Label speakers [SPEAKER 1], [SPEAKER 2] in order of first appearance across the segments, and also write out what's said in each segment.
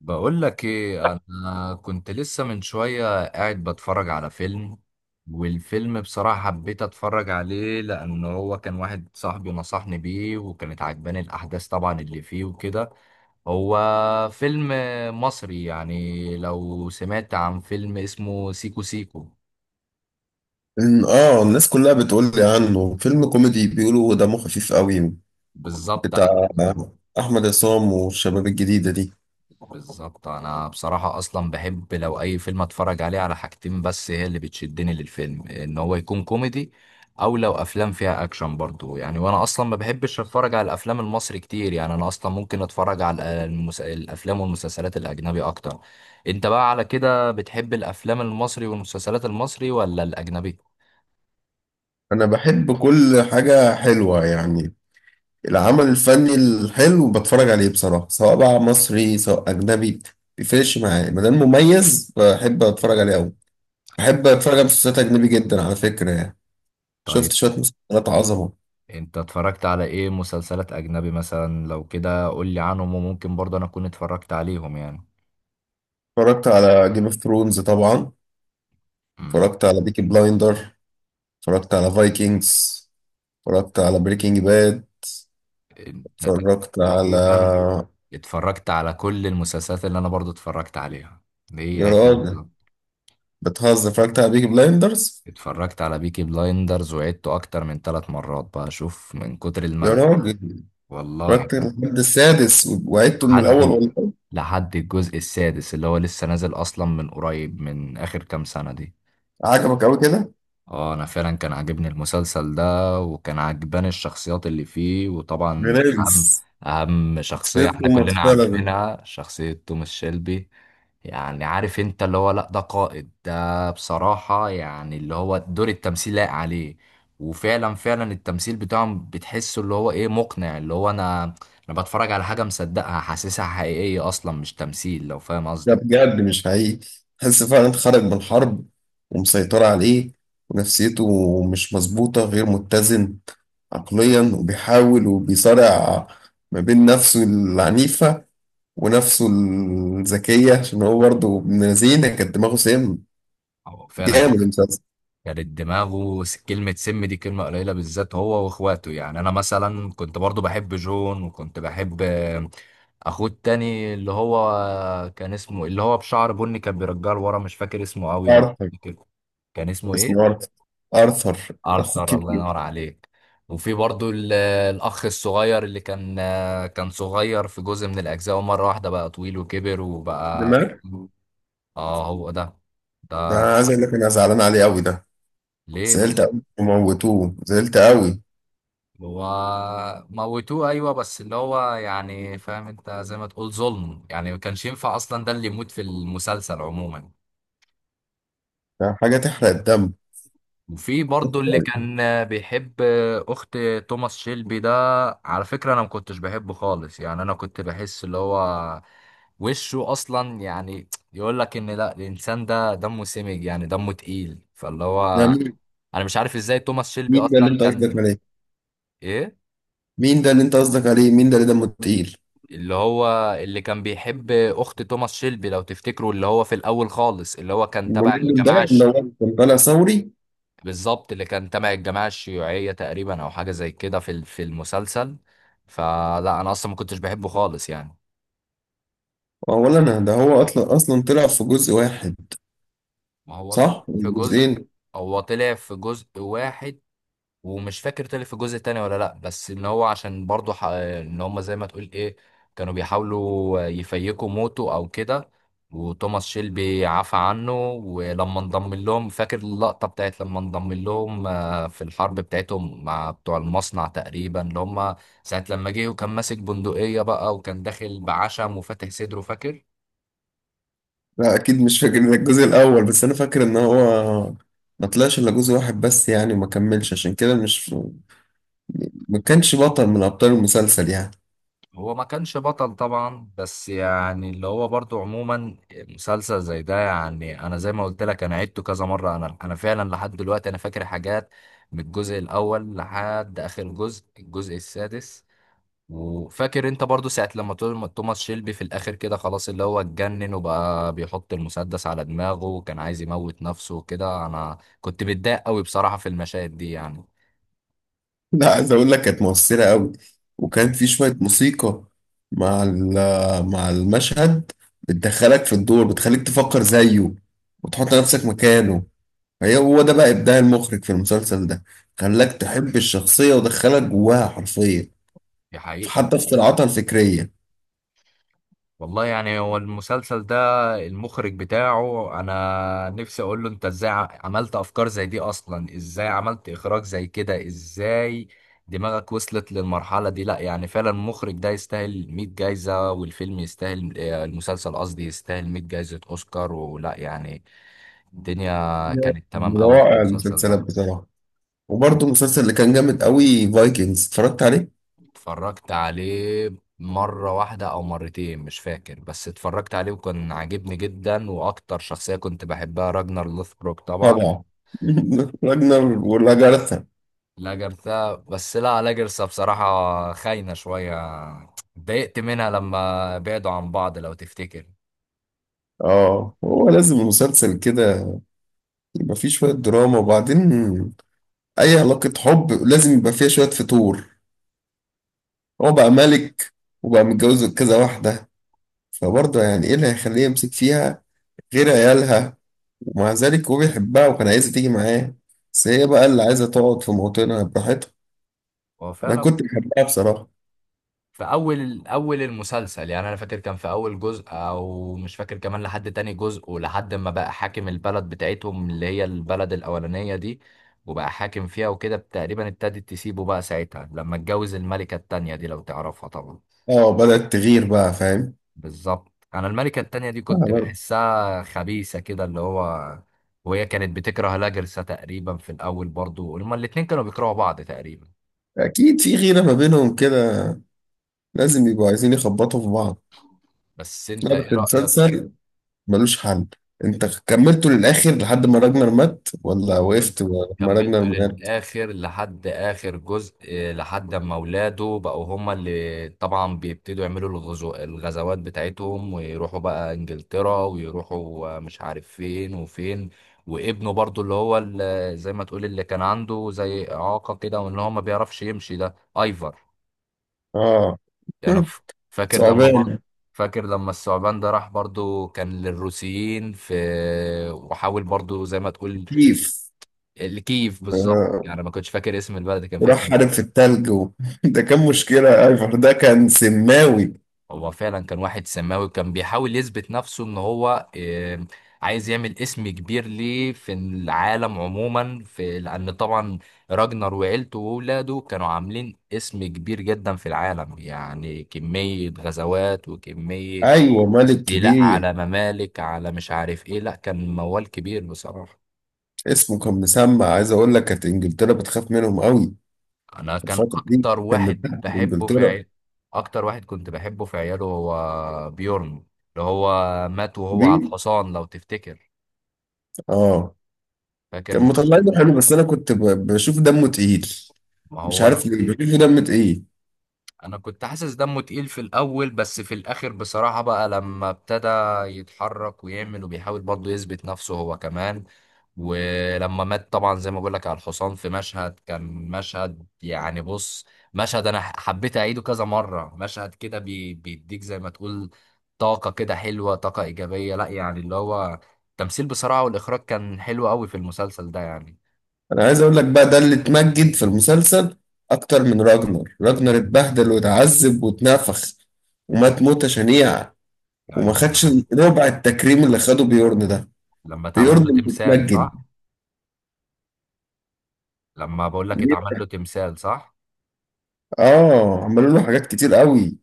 [SPEAKER 1] بقول لك ايه، انا كنت لسه من شوية قاعد بتفرج على فيلم. والفيلم بصراحة حبيت اتفرج عليه لان هو كان واحد صاحبي نصحني بيه، وكانت عجباني الاحداث طبعا اللي فيه وكده. هو فيلم مصري. يعني لو سمعت عن فيلم اسمه سيكو سيكو.
[SPEAKER 2] الناس كلها بتقول لي عنه فيلم كوميدي، بيقولوا دمه خفيف قوي،
[SPEAKER 1] بالظبط.
[SPEAKER 2] بتاع احمد عصام والشباب الجديده دي.
[SPEAKER 1] بالظبط، انا بصراحة اصلا بحب لو اي فيلم اتفرج عليه على حاجتين بس هي اللي بتشدني للفيلم، ان هو يكون كوميدي او لو افلام فيها اكشن برضو. يعني وانا اصلا ما بحبش اتفرج على الافلام المصري كتير، يعني انا اصلا ممكن اتفرج على الافلام والمسلسلات الاجنبي اكتر. انت بقى على كده بتحب الافلام المصري والمسلسلات المصري ولا الاجنبي؟
[SPEAKER 2] انا بحب كل حاجه حلوه يعني، العمل الفني الحلو بتفرج عليه بصراحه، سواء بقى مصري سواء اجنبي، مبيفرقش معايا ما دام مميز بحب اتفرج عليه قوي. بحب اتفرج على مسلسلات اجنبي جدا على فكره يعني.
[SPEAKER 1] طيب،
[SPEAKER 2] شفت شويه مسلسلات عظمه.
[SPEAKER 1] انت اتفرجت على ايه مسلسلات اجنبي مثلا؟ لو كده قول لي عنهم وممكن برضه انا اكون اتفرجت عليهم يعني.
[SPEAKER 2] اتفرجت على جيم اوف ثرونز طبعا، اتفرجت على بيكي بلايندر، اتفرجت على فايكنجز، اتفرجت على بريكنج باد،
[SPEAKER 1] انت
[SPEAKER 2] اتفرجت على
[SPEAKER 1] تقريبا اتفرجت على كل المسلسلات اللي انا برضو اتفرجت عليها. هي
[SPEAKER 2] يا
[SPEAKER 1] هي
[SPEAKER 2] راجل
[SPEAKER 1] بالظبط.
[SPEAKER 2] بتهزر! اتفرجت على بيكي بلايندرز.
[SPEAKER 1] اتفرجت على بيكي بلايندرز وعدته اكتر من ثلاث مرات بقى اشوف من كتر
[SPEAKER 2] يا
[SPEAKER 1] الملل.
[SPEAKER 2] راجل،
[SPEAKER 1] والله
[SPEAKER 2] اتفرجت
[SPEAKER 1] كان
[SPEAKER 2] لحد السادس وعدته من الاول
[SPEAKER 1] لحد
[SPEAKER 2] والله.
[SPEAKER 1] لحد الجزء السادس اللي هو لسه نازل اصلا من قريب، من اخر كام سنة دي.
[SPEAKER 2] عجبك قوي كده؟
[SPEAKER 1] اه، انا فعلا كان عاجبني المسلسل ده، وكان عاجباني الشخصيات اللي فيه، وطبعا
[SPEAKER 2] برنس،
[SPEAKER 1] اهم
[SPEAKER 2] شخصية
[SPEAKER 1] شخصية احنا
[SPEAKER 2] توماس
[SPEAKER 1] كلنا
[SPEAKER 2] فعلا.
[SPEAKER 1] عارفينها شخصية توماس شيلبي. يعني عارف انت اللي هو، لا ده قائد، ده بصراحة يعني اللي هو دور التمثيل لايق عليه. وفعلا فعلا التمثيل بتاعهم بتحسه اللي هو ايه، مقنع. اللي هو انا بتفرج على حاجة مصدقها، حاسسها حقيقية اصلا مش تمثيل، لو فاهم
[SPEAKER 2] ده
[SPEAKER 1] قصدي.
[SPEAKER 2] بجد مش حقيقي، تحس فعلا انت خارج من حرب ومسيطرة عليه، ونفسيته مش مظبوطة، غير متزن عقليا، وبيحاول وبيصارع ما بين نفسه العنيفة ونفسه الذكية، عشان هو برضه ابن لذينة كانت دماغه سيم.
[SPEAKER 1] أو فعلا.
[SPEAKER 2] جامد المسلسل.
[SPEAKER 1] كانت دماغه كلمة سم دي كلمة قليلة، بالذات هو واخواته. يعني انا مثلا كنت برضو بحب جون، وكنت بحب اخوه التاني اللي هو كان اسمه، اللي هو بشعر بني كان بيرجعه لورا، مش فاكر اسمه قوي لو
[SPEAKER 2] آرثر،
[SPEAKER 1] فاكر. كان اسمه
[SPEAKER 2] اسمه
[SPEAKER 1] ايه؟
[SPEAKER 2] آرثر. آرثر أخو
[SPEAKER 1] ارثر، الله
[SPEAKER 2] الكبير.
[SPEAKER 1] ينور عليك. وفي برضو الاخ الصغير اللي كان كان صغير في جزء من الاجزاء، ومرة واحدة بقى طويل وكبر وبقى.
[SPEAKER 2] دماغ،
[SPEAKER 1] اه، هو ده.
[SPEAKER 2] ده
[SPEAKER 1] ده
[SPEAKER 2] أنا عايز أقول لك أنا زعلان عليه أوي ده.
[SPEAKER 1] ليه
[SPEAKER 2] زعلت
[SPEAKER 1] بس؟
[SPEAKER 2] أوي وموتوه، زعلت أوي.
[SPEAKER 1] هو موتوه. ايوه بس اللي هو يعني، فاهم انت، زي ما تقول ظلم يعني. ما كانش ينفع اصلا ده اللي يموت في المسلسل عموما.
[SPEAKER 2] ده حاجة تحرق الدم.
[SPEAKER 1] وفي برضه اللي كان بيحب اخت توماس شيلبي ده، على فكره انا ما كنتش بحبه خالص يعني. انا كنت بحس اللي هو وشه اصلا يعني يقول لك ان لا، الانسان ده دمه سمج، يعني دمه تقيل. فاللي
[SPEAKER 2] ده
[SPEAKER 1] هو
[SPEAKER 2] مين؟
[SPEAKER 1] انا مش عارف ازاي توماس شيلبي
[SPEAKER 2] مين ده اللي
[SPEAKER 1] اصلا
[SPEAKER 2] أنت قصدك
[SPEAKER 1] كان
[SPEAKER 2] عليه؟
[SPEAKER 1] ايه.
[SPEAKER 2] مين ده اللي أنت قصدك عليه؟ مين ده اللي دمه تقيل؟
[SPEAKER 1] اللي هو اللي كان بيحب اخت توماس شيلبي لو تفتكروا، اللي هو في الاول خالص اللي هو كان تبع
[SPEAKER 2] المجنون ده اللي هو كان طالع ثوري.
[SPEAKER 1] بالظبط، اللي كان تبع الجماعه الشيوعيه تقريبا او حاجه زي كده في في المسلسل. فلا انا اصلا ما كنتش بحبه خالص يعني.
[SPEAKER 2] أولا ده هو أصلا طلع في جزء واحد.
[SPEAKER 1] ما هو طلع
[SPEAKER 2] صح؟
[SPEAKER 1] في
[SPEAKER 2] ولا
[SPEAKER 1] جزء.
[SPEAKER 2] جزئين؟
[SPEAKER 1] هو طلع في جزء واحد، ومش فاكر طلع في الجزء التاني ولا لا. بس ان هو عشان برضه ان هم زي ما تقول ايه، كانوا بيحاولوا يفيكوا موته او كده. وتوماس شيلبي عفى عنه ولما انضم لهم، فاكر اللقطة بتاعت لما انضم لهم في الحرب بتاعتهم مع بتوع المصنع تقريبا اللي هم ساعة لما جه وكان ماسك بندقية بقى، وكان داخل بعشم وفاتح صدره، فاكر.
[SPEAKER 2] لا اكيد مش فاكر الجزء الاول، بس انا فاكر ان هو ما طلعش الا جزء واحد بس يعني، وما كملش عشان كده، مش ما كانش بطل من ابطال المسلسل يعني.
[SPEAKER 1] هو ما كانش بطل طبعا، بس يعني اللي هو برضو عموما مسلسل زي ده، يعني انا زي ما قلت لك انا عدته كذا مره. انا فعلا لحد دلوقتي انا فاكر حاجات من الجزء الاول لحد اخر جزء، الجزء السادس. وفاكر انت برضو ساعه لما توماس شيلبي في الاخر كده خلاص اللي هو اتجنن وبقى بيحط المسدس على دماغه وكان عايز يموت نفسه وكده، انا كنت متضايق قوي بصراحه في المشاهد دي يعني.
[SPEAKER 2] لا، عايز اقول لك كانت مؤثرة قوي، وكان في شوية موسيقى مع المشهد، بتدخلك في الدور، بتخليك تفكر زيه وتحط نفسك مكانه. هو ده بقى ابداع المخرج في المسلسل ده، خلاك تحب الشخصية ودخلك جواها حرفيا،
[SPEAKER 1] دي حقيقه.
[SPEAKER 2] حتى في صراعاتها الفكرية.
[SPEAKER 1] والله يعني، هو المسلسل ده المخرج بتاعه انا نفسي اقول له انت ازاي عملت افكار زي دي اصلا؟ ازاي عملت اخراج زي كده؟ ازاي دماغك وصلت للمرحلة دي؟ لا يعني فعلا المخرج ده يستاهل 100 جايزة، والفيلم يستاهل المسلسل قصدي يستاهل 100 جايزة اوسكار ولا يعني. الدنيا كانت تمام
[SPEAKER 2] من
[SPEAKER 1] قوي في
[SPEAKER 2] روائع
[SPEAKER 1] المسلسل
[SPEAKER 2] المسلسلات
[SPEAKER 1] ده.
[SPEAKER 2] بصراحة. وبرضه المسلسل اللي كان جامد قوي فايكنجز، اتفرجت عليه
[SPEAKER 1] اتفرجت عليه مرة واحدة أو مرتين مش فاكر، بس اتفرجت عليه وكان عاجبني جدا، وأكتر شخصية كنت بحبها راجنر لوثبروك طبعا.
[SPEAKER 2] طبعا. راجنر ولاجارثا.
[SPEAKER 1] لاجرثا، بس لا، لاجرثا بصراحة خاينة شوية. اتضايقت منها لما بعدوا عن بعض لو تفتكر.
[SPEAKER 2] اه، هو لازم مسلسل كده يبقى فيه شوية دراما. وبعدين أي علاقة حب لازم يبقى فيها شوية فتور. هو بقى ملك وبقى متجوز كذا واحدة، فبرضه يعني إيه اللي هيخليه يمسك فيها غير عيالها؟ ومع ذلك هو بيحبها وكان عايزة تيجي معاه، بس هي بقى اللي عايزة تقعد في موطنها براحتها.
[SPEAKER 1] هو
[SPEAKER 2] أنا
[SPEAKER 1] فعلا.
[SPEAKER 2] كنت بحبها بصراحة.
[SPEAKER 1] في اول اول المسلسل يعني، انا فاكر كان في اول جزء او مش فاكر كمان، لحد تاني جزء ولحد ما بقى حاكم البلد بتاعتهم اللي هي البلد الاولانية دي، وبقى حاكم فيها وكده، تقريبا ابتدت تسيبه بقى ساعتها لما اتجوز الملكة التانية دي، لو تعرفها طبعا.
[SPEAKER 2] اه، بدأت تغير بقى.
[SPEAKER 1] بالظبط. انا الملكة التانية دي كنت
[SPEAKER 2] فاهم.
[SPEAKER 1] بحسها خبيثة كده اللي هو. وهي كانت بتكره لاجرسا تقريبا في الاول، برضو هما الاتنين كانوا بيكرهوا بعض تقريبا.
[SPEAKER 2] أكيد في غيرة ما بينهم كده، لازم يبقوا عايزين يخبطوا في بعض.
[SPEAKER 1] بس انت
[SPEAKER 2] لا بس
[SPEAKER 1] ايه رأيك؟
[SPEAKER 2] المسلسل ملوش حل. أنت كملته للآخر لحد ما راجنر مات ولا
[SPEAKER 1] كملت.
[SPEAKER 2] وقفت لما راجنر
[SPEAKER 1] كملته
[SPEAKER 2] مات؟
[SPEAKER 1] للآخر لحد آخر جزء، لحد ما ولاده بقوا هما اللي طبعا بيبتدوا يعملوا الغزوات بتاعتهم، ويروحوا بقى إنجلترا ويروحوا، مش عارف فين وفين. وابنه برضو اللي هو، اللي زي ما تقول اللي كان عنده زي إعاقة كده وإن هو ما بيعرفش يمشي، ده أيفر.
[SPEAKER 2] آه.
[SPEAKER 1] أنا فاكر لما برضه.
[SPEAKER 2] ثعبان.
[SPEAKER 1] فاكر لما الثعبان ده راح برضو، كان للروسيين في. وحاول برضو زي ما تقول.
[SPEAKER 2] كيف.
[SPEAKER 1] الكيف بالظبط،
[SPEAKER 2] آه.
[SPEAKER 1] يعني ما كنتش فاكر اسم البلد اللي كان فيها،
[SPEAKER 2] وراح
[SPEAKER 1] كيف.
[SPEAKER 2] حارب في التلج ده كان مشكلة أيفر، ده كان سماوي.
[SPEAKER 1] هو فعلا كان واحد سماوي، كان بيحاول يثبت نفسه ان هو عايز يعمل اسم كبير ليه في العالم عموما، في لان طبعا راجنر وعيلته واولاده كانوا عاملين اسم كبير جدا في العالم. يعني كمية غزوات وكمية
[SPEAKER 2] أيوة، ملك
[SPEAKER 1] استيلاء
[SPEAKER 2] كبير.
[SPEAKER 1] على ممالك، على مش عارف ايه. لا كان موال كبير بصراحة.
[SPEAKER 2] اسمه كان مسمع، عايز أقول لك كانت إنجلترا بتخاف منهم قوي
[SPEAKER 1] انا
[SPEAKER 2] في
[SPEAKER 1] كان
[SPEAKER 2] الفترة دي،
[SPEAKER 1] اكتر
[SPEAKER 2] كان
[SPEAKER 1] واحد
[SPEAKER 2] مبهدل
[SPEAKER 1] بحبه في
[SPEAKER 2] إنجلترا.
[SPEAKER 1] عيال، اكتر واحد كنت بحبه في عياله هو بيورن، اللي هو مات وهو على
[SPEAKER 2] كبير.
[SPEAKER 1] الحصان لو تفتكر.
[SPEAKER 2] آه
[SPEAKER 1] فاكر
[SPEAKER 2] كان
[SPEAKER 1] المشهد
[SPEAKER 2] مطلعينه
[SPEAKER 1] ده؟
[SPEAKER 2] حلو، بس انا كنت بشوف دمه تقيل،
[SPEAKER 1] ما
[SPEAKER 2] مش
[SPEAKER 1] هو
[SPEAKER 2] عارف ليه بشوفه دمه تقيل.
[SPEAKER 1] انا كنت حاسس دمه تقيل في الاول، بس في الاخر بصراحة بقى لما ابتدى يتحرك ويعمل وبيحاول برضه يثبت نفسه هو كمان، ولما مات طبعا زي ما بقول لك على الحصان في مشهد، كان مشهد يعني بص، مشهد انا حبيت اعيده كذا مرة. مشهد كده بي بيديك زي ما تقول طاقة كده حلوة، طاقة ايجابية. لا يعني اللي هو التمثيل بصراحة والاخراج كان حلو قوي في المسلسل ده يعني.
[SPEAKER 2] انا عايز اقول لك بقى، ده اللي اتمجد في المسلسل اكتر من راجنر. راجنر اتبهدل واتعذب واتنفخ ومات موتة شنيعة، وما
[SPEAKER 1] ايوه
[SPEAKER 2] خدش
[SPEAKER 1] معاك.
[SPEAKER 2] ربع التكريم اللي خده بيورن ده.
[SPEAKER 1] لما اتعمل له
[SPEAKER 2] بيورن
[SPEAKER 1] تمثال،
[SPEAKER 2] متمجد.
[SPEAKER 1] صح؟ لما بقول لك
[SPEAKER 2] ليه؟
[SPEAKER 1] اتعمل له تمثال، صح.
[SPEAKER 2] اه، عملوا له حاجات كتير قوي.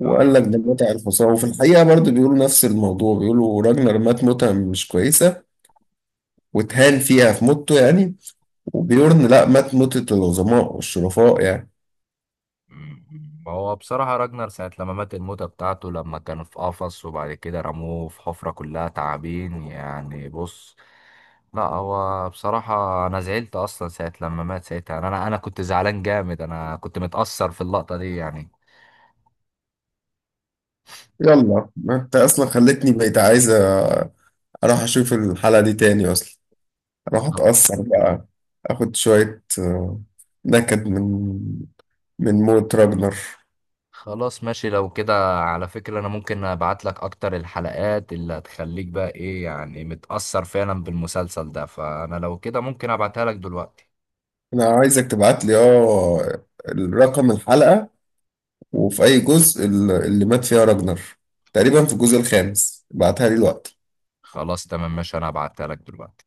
[SPEAKER 2] وقال
[SPEAKER 1] اه.
[SPEAKER 2] لك ده متع الحصان. وفي الحقيقة برضه بيقولوا نفس الموضوع، بيقولوا راجنر مات موتة مش كويسة واتهان فيها في موته يعني، وبيورن لا، مات موتة العظماء والشرفاء يعني.
[SPEAKER 1] مم. هو بصراحة راجنر ساعة لما مات الموتة بتاعته، لما كان في قفص وبعد كده رموه في حفرة كلها تعابين، يعني بص، لا هو بصراحة أنا زعلت أصلا ساعة لما مات. ساعتها أنا كنت زعلان جامد، أنا كنت متأثر في اللقطة دي يعني.
[SPEAKER 2] يلا، ما انت اصلا خلتني بقيت عايز اروح اشوف الحلقة دي تاني اصلا، اروح
[SPEAKER 1] خل-
[SPEAKER 2] اتأثر بقى، اخد شوية نكد من موت راجنر.
[SPEAKER 1] خلاص ماشي لو كده. على فكرة أنا ممكن أبعت لك أكتر الحلقات اللي هتخليك بقى إيه يعني، متأثر فعلا بالمسلسل ده. فأنا لو كده ممكن أبعتها لك دلوقتي.
[SPEAKER 2] انا عايزك تبعت لي، اه، الرقم، الحلقة، وفي اي جزء اللي مات فيها راجنر، تقريبا في الجزء الخامس. بعتها لي الوقت.
[SPEAKER 1] خلاص تمام ماشي، أنا هبعتها لك دلوقتي.